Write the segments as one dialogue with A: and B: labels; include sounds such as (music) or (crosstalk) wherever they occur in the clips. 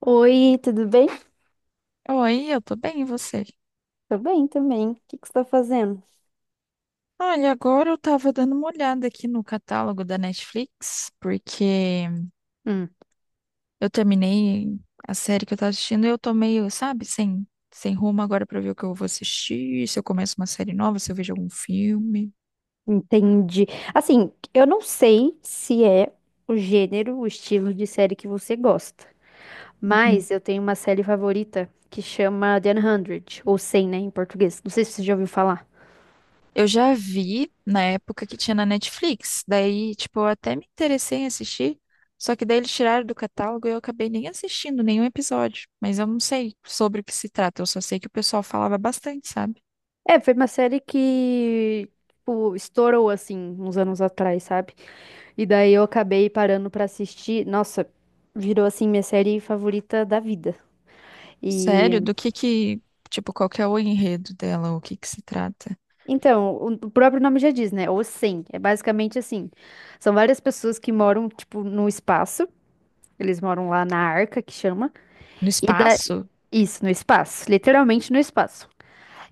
A: Oi, tudo bem?
B: Oi, eu tô bem, e você?
A: Tô bem também. O que que você tá fazendo?
B: Olha, agora eu tava dando uma olhada aqui no catálogo da Netflix, porque
A: Hum.
B: eu terminei a série que eu tava assistindo e eu tô meio, sabe, sem rumo agora pra ver o que eu vou assistir, se eu começo uma série nova, se eu vejo algum filme.
A: Entendi. Assim, eu não sei se é o gênero, o estilo de série que você gosta,
B: Uhum.
A: mas eu tenho uma série favorita que chama The 100, ou Cem, né, em português. Não sei se você já ouviu falar.
B: Eu já vi na época que tinha na Netflix, daí, tipo, eu até me interessei em assistir, só que daí eles tiraram do catálogo e eu acabei nem assistindo nenhum episódio, mas eu não sei sobre o que se trata, eu só sei que o pessoal falava bastante, sabe?
A: É, foi uma série que, tipo, estourou, assim, uns anos atrás, sabe? E daí eu acabei parando pra assistir. Nossa, virou, assim, minha série favorita da vida.
B: Sério?
A: E
B: Do que, tipo, qual que é o enredo dela? O que que se trata?
A: então, o próprio nome já diz, né? O 100. É basicamente assim. São várias pessoas que moram, tipo, no espaço. Eles moram lá na Arca, que chama.
B: No
A: E da...
B: espaço?
A: Isso, no espaço. Literalmente no espaço.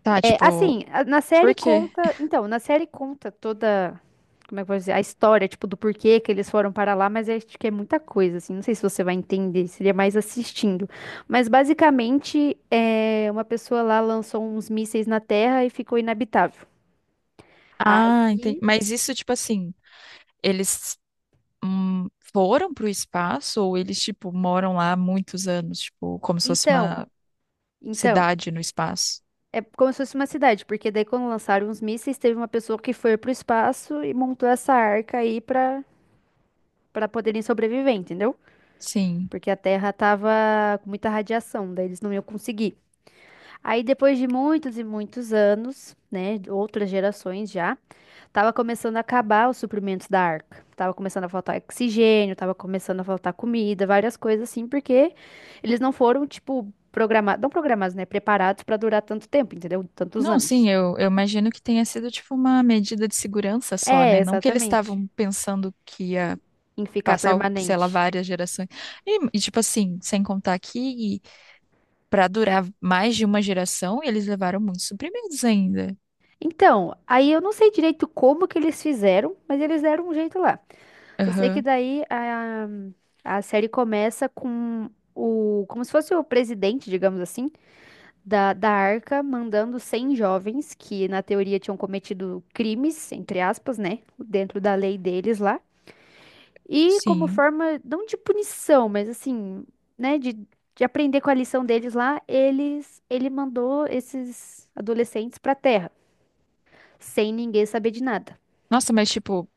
B: Tá,
A: É,
B: tipo,
A: assim, na série
B: por quê?
A: conta... Então, na série conta toda... Como é que eu vou dizer? A história, tipo, do porquê que eles foram para lá. Mas é, acho que é muita coisa, assim. Não sei se você vai entender. Seria mais assistindo. Mas, basicamente, é uma pessoa lá lançou uns mísseis na Terra e ficou inabitável.
B: Ah, entendi.
A: Aí
B: Mas isso, tipo assim, eles hum, foram pro espaço ou eles, tipo, moram lá há muitos anos? Tipo, como se fosse
A: Então,
B: uma
A: então,
B: cidade no espaço?
A: é como se fosse uma cidade, porque daí quando lançaram os mísseis, teve uma pessoa que foi pro espaço e montou essa arca aí pra para poderem sobreviver, entendeu?
B: Sim.
A: Porque a Terra tava com muita radiação, daí eles não iam conseguir. Aí depois de muitos e muitos anos, né, outras gerações já, tava começando a acabar os suprimentos da Arca. Tava começando a faltar oxigênio, tava começando a faltar comida, várias coisas assim, porque eles não foram, tipo, programados, não programados, né? Preparados pra durar tanto tempo, entendeu? Tantos
B: Não, sim,
A: anos.
B: eu imagino que tenha sido, tipo, uma medida de segurança só,
A: É,
B: né? Não que eles
A: exatamente.
B: estavam pensando que ia
A: Em ficar
B: passar, sei lá,
A: permanente.
B: várias gerações. E tipo assim, sem contar que para durar mais de uma geração e eles levaram muitos suprimentos ainda.
A: Então, aí eu não sei direito como que eles fizeram, mas eles deram um jeito lá. Só sei que
B: Aham,
A: daí a série começa com como se fosse o presidente, digamos assim, da Arca mandando cem jovens que, na teoria, tinham cometido crimes, entre aspas, né? Dentro da lei deles lá. E como
B: sim.
A: forma, não de punição, mas assim, né? De aprender com a lição deles lá, ele mandou esses adolescentes pra Terra, sem ninguém saber de nada.
B: Nossa, mas tipo,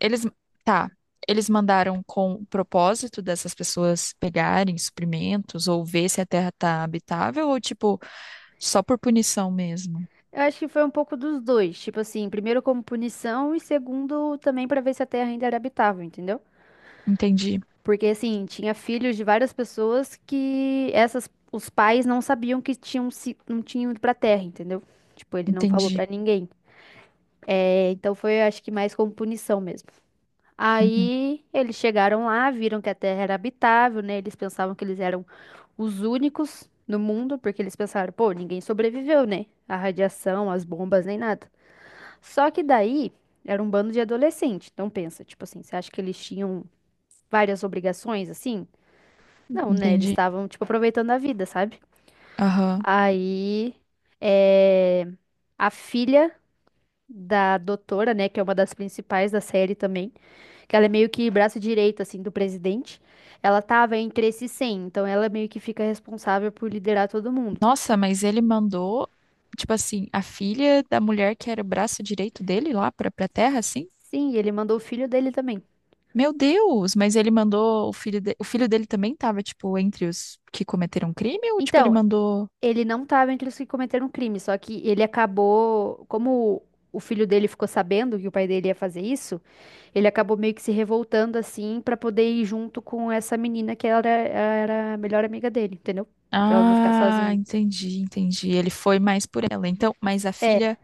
B: eles. Tá. Eles mandaram com o propósito dessas pessoas pegarem suprimentos ou ver se a terra tá habitável ou tipo, só por punição mesmo?
A: Eu acho que foi um pouco dos dois, tipo assim, primeiro como punição e segundo também pra ver se a Terra ainda era habitável, entendeu?
B: Entendi,
A: Porque assim, tinha filhos de várias pessoas que essas os pais não sabiam que tinham se não tinham ido pra terra, entendeu? Tipo, ele não falou
B: entendi.
A: pra ninguém. É, então foi, acho que mais como punição mesmo.
B: Uhum,
A: Aí eles chegaram lá, viram que a terra era habitável, né? Eles pensavam que eles eram os únicos no mundo, porque eles pensaram, pô, ninguém sobreviveu, né? A radiação, as bombas, nem nada. Só que daí era um bando de adolescente. Então pensa, tipo assim, você acha que eles tinham várias obrigações assim? Não, né? Eles
B: entendi.
A: estavam, tipo, aproveitando a vida, sabe?
B: Aham.
A: Aí, é, a filha da doutora, né, que é uma das principais da série também, que ela é meio que braço direito, assim, do presidente, ela tava entre esses 100, então ela meio que fica responsável por liderar todo mundo.
B: Nossa, mas ele mandou, tipo assim, a filha da mulher que era o braço direito dele lá pra, pra terra, assim?
A: Sim, ele mandou o filho dele também.
B: Meu Deus, mas ele mandou o filho de... o filho dele também tava, tipo, entre os que cometeram um crime ou tipo ele
A: Então,
B: mandou.
A: ele não tava entre os que cometeram crime, só que ele acabou, como o filho dele ficou sabendo que o pai dele ia fazer isso, ele acabou meio que se revoltando assim pra poder ir junto com essa menina que era a melhor amiga dele, entendeu? Pra ela não ficar
B: Ah,
A: sozinha.
B: entendi, entendi. Ele foi mais por ela. Então, mas a
A: É,
B: filha,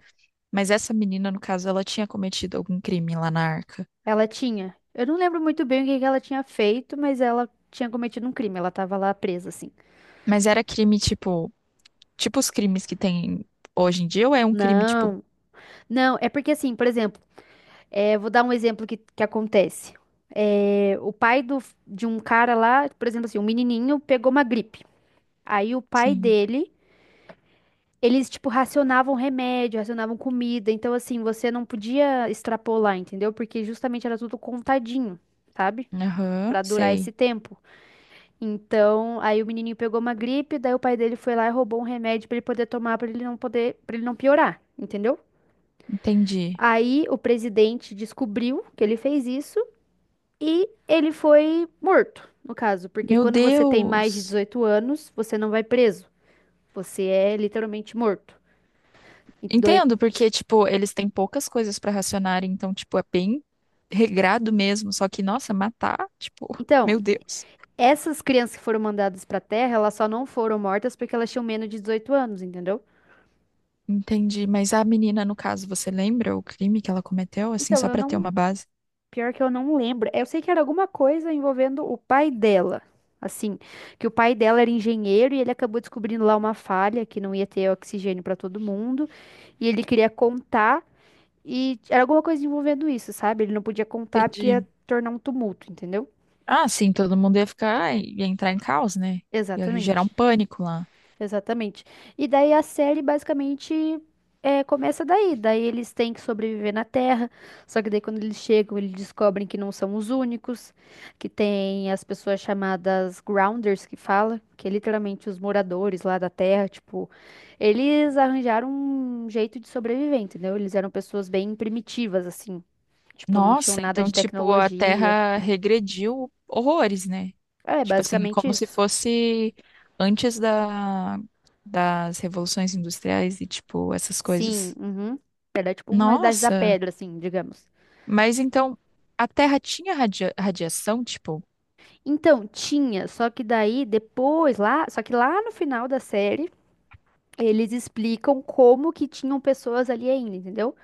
B: mas essa menina, no caso, ela tinha cometido algum crime lá na Arca.
A: ela tinha. Eu não lembro muito bem o que que ela tinha feito, mas ela tinha cometido um crime. Ela tava lá presa, assim.
B: Mas era crime tipo, tipo os crimes que tem hoje em dia ou é um crime tipo,
A: Não, não, é porque assim, por exemplo, é, vou dar um exemplo que acontece. É, o pai do, de um cara lá, por exemplo, assim, um menininho pegou uma gripe. Aí o pai
B: sim.
A: dele, eles, tipo, racionavam remédio, racionavam comida. Então, assim, você não podia extrapolar, entendeu? Porque justamente era tudo contadinho, sabe?
B: Aham,
A: Pra durar esse
B: sei.
A: tempo. Então, aí o menininho pegou uma gripe, daí o pai dele foi lá e roubou um remédio pra ele poder tomar, pra ele não poder, para ele não piorar, entendeu?
B: Entendi.
A: Aí o presidente descobriu que ele fez isso e ele foi morto, no caso, porque
B: Meu
A: quando você tem mais de
B: Deus.
A: 18 anos, você não vai preso. Você é literalmente morto. E doi-
B: Entendo, porque, tipo, eles têm poucas coisas pra racionar, então, tipo, é bem regrado mesmo. Só que, nossa, matar, tipo, (laughs)
A: Então,
B: meu Deus.
A: essas crianças que foram mandadas pra Terra, elas só não foram mortas porque elas tinham menos de 18 anos, entendeu?
B: Entendi. Mas a menina, no caso, você lembra o crime que ela cometeu, assim,
A: Então,
B: só
A: eu
B: pra ter
A: não.
B: uma base?
A: Pior que eu não lembro. Eu sei que era alguma coisa envolvendo o pai dela. Assim, que o pai dela era engenheiro e ele acabou descobrindo lá uma falha que não ia ter oxigênio pra todo mundo. E ele queria contar e era alguma coisa envolvendo isso, sabe? Ele não podia contar porque
B: Entendi.
A: ia tornar um tumulto, entendeu?
B: Ah, sim, todo mundo ia ficar, ia entrar em caos, né? Ia gerar
A: Exatamente.
B: um pânico lá.
A: Exatamente. E daí a série basicamente é, começa daí. Daí eles têm que sobreviver na Terra. Só que daí quando eles chegam, eles descobrem que não são os únicos, que tem as pessoas chamadas Grounders que fala, que é literalmente os moradores lá da Terra, tipo, eles arranjaram um jeito de sobreviver, entendeu? Eles eram pessoas bem primitivas, assim. Tipo, não tinham
B: Nossa,
A: nada
B: então,
A: de
B: tipo, a
A: tecnologia.
B: Terra regrediu horrores, né?
A: É,
B: Tipo assim, é
A: basicamente
B: como se
A: isso.
B: fosse antes da, das revoluções industriais e, tipo, essas
A: Sim,
B: coisas.
A: uhum. Era tipo uma idade da
B: Nossa,
A: pedra, assim, digamos.
B: mas então a Terra tinha radia- radiação, tipo,
A: Então, tinha, só que daí depois lá, só que lá no final da série, eles explicam como que tinham pessoas ali ainda, entendeu?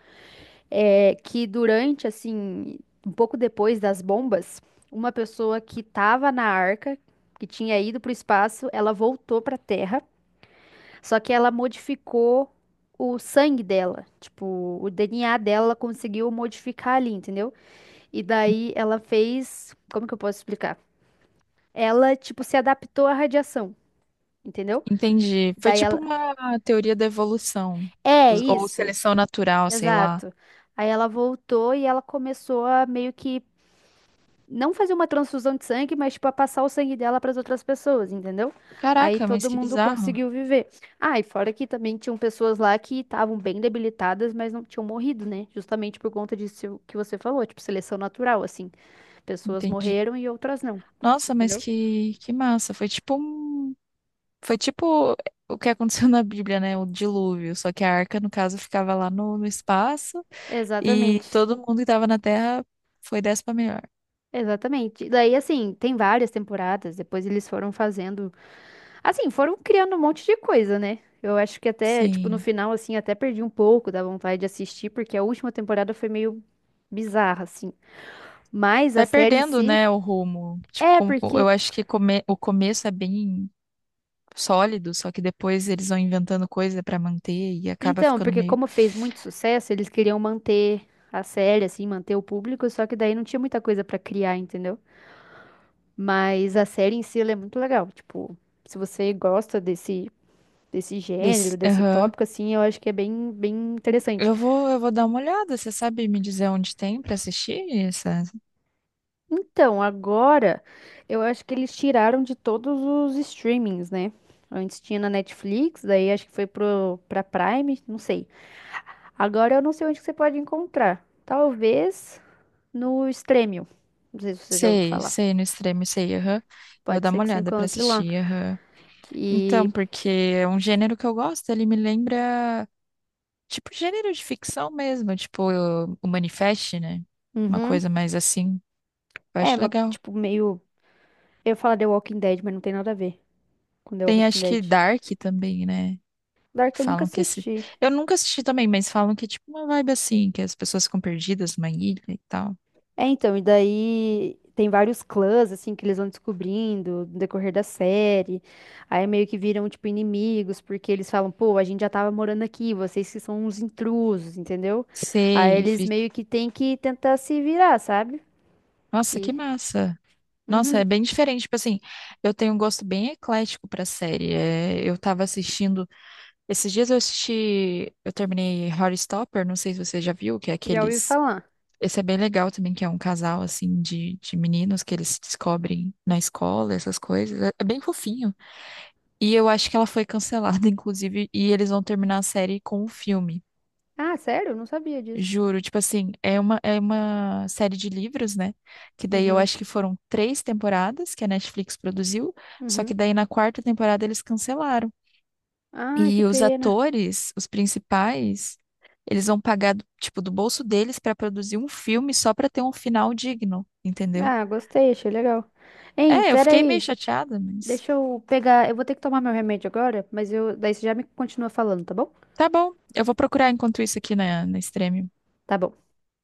A: É, que durante, assim, um pouco depois das bombas, uma pessoa que tava na arca, que tinha ido pro espaço, ela voltou pra Terra, só que ela modificou o sangue dela, tipo, o DNA dela ela conseguiu modificar ali, entendeu? E daí ela fez, como que eu posso explicar? Ela, tipo, se adaptou à radiação. Entendeu?
B: entendi. Foi
A: Daí
B: tipo
A: ela.
B: uma teoria da evolução,
A: É
B: os- ou
A: isso,
B: seleção natural, sei lá.
A: exato. Aí ela voltou e ela começou a meio que não fazer uma transfusão de sangue, mas tipo a passar o sangue dela para as outras pessoas, entendeu? Aí
B: Caraca, mas
A: todo
B: que
A: mundo
B: bizarro.
A: conseguiu viver. Ah, e fora que também tinham pessoas lá que estavam bem debilitadas, mas não tinham morrido, né? Justamente por conta disso que você falou, tipo seleção natural, assim. Pessoas
B: Entendi.
A: morreram e outras não,
B: Nossa, mas
A: entendeu?
B: que massa. Foi tipo um. Foi tipo o que aconteceu na Bíblia, né? O dilúvio. Só que a arca, no caso, ficava lá no, no espaço e
A: Exatamente.
B: todo mundo que estava na Terra foi dessa pra melhor.
A: Exatamente. Daí, assim, tem várias temporadas. Depois eles foram fazendo, assim, foram criando um monte de coisa, né? Eu acho que até, tipo, no
B: Sim.
A: final, assim, até perdi um pouco da vontade de assistir, porque a última temporada foi meio bizarra, assim. Mas a
B: Vai
A: série em
B: perdendo,
A: si,
B: né, o rumo. Tipo,
A: é
B: com-
A: porque.
B: eu acho que come- o começo é bem sólido, só que depois eles vão inventando coisa pra manter e acaba
A: Então,
B: ficando
A: porque
B: meio
A: como fez muito sucesso, eles queriam manter a série, assim, manter o público, só que daí não tinha muita coisa pra criar, entendeu? Mas a série em si, ela é muito legal. Tipo, se você gosta desse
B: desse.
A: gênero, desse tópico, assim, eu acho que é bem interessante.
B: Eu vou dar uma olhada. Você sabe me dizer onde tem para assistir essa?
A: Então, agora eu acho que eles tiraram de todos os streamings, né? Antes tinha na Netflix, daí acho que foi pra Prime, não sei. Agora eu não sei onde que você pode encontrar. Talvez no Stremio. Não sei se você já ouviu
B: Sei,
A: falar.
B: sei, no extremo, sei, aham. Eu vou
A: Pode
B: dar
A: ser
B: uma
A: que você
B: olhada pra
A: encontre lá.
B: assistir, aham.
A: E.
B: Então, porque é um gênero que eu gosto, ele me lembra, tipo, gênero de ficção mesmo, tipo, o Manifest, né? Uma
A: Uhum.
B: coisa mais assim. Eu
A: É,
B: acho
A: mas,
B: legal.
A: tipo, meio. Eu ia falar The Walking Dead, mas não tem nada a ver com The
B: Tem
A: Walking
B: acho
A: Dead.
B: que Dark também, né?
A: Dark eu nunca
B: Falam que esse.
A: assisti.
B: Eu nunca assisti também, mas falam que é tipo uma vibe assim, que as pessoas ficam perdidas numa ilha e tal.
A: É, então, e daí tem vários clãs, assim, que eles vão descobrindo no decorrer da série. Aí meio que viram, tipo, inimigos, porque eles falam, pô, a gente já tava morando aqui, vocês que são uns intrusos, entendeu? Aí
B: Sei,
A: eles
B: fi-
A: meio que têm que tentar se virar, sabe?
B: Nossa,
A: E,
B: que massa. Nossa,
A: uhum,
B: é bem diferente. Tipo assim, eu tenho um gosto bem eclético pra série. É, eu tava assistindo. Esses dias eu assisti. Eu terminei Horrorstopper, não sei se você já viu, que é
A: já ouvi
B: aqueles.
A: falar.
B: Esse é bem legal também, que é um casal, assim, de meninos que eles se descobrem na escola, essas coisas. É bem fofinho. E eu acho que ela foi cancelada, (laughs) inclusive, e eles vão terminar a série com um filme.
A: Ah, sério? Não sabia disso.
B: Juro, tipo assim, é uma série de livros, né? Que daí eu
A: Uhum,
B: acho que foram três temporadas que a Netflix produziu, só que
A: uhum.
B: daí na quarta temporada eles cancelaram.
A: Ah, que
B: E os
A: pena.
B: atores, os principais, eles vão pagar, tipo, do bolso deles pra produzir um filme só pra ter um final digno, entendeu?
A: Ah, gostei, achei legal. Hein,
B: É, eu fiquei meio
A: peraí,
B: chateada, mas
A: deixa eu pegar, eu vou ter que tomar meu remédio agora, mas eu, daí você já me continua falando, tá bom?
B: tá bom. Eu vou procurar enquanto isso aqui na, na Extreme.
A: Tá bom.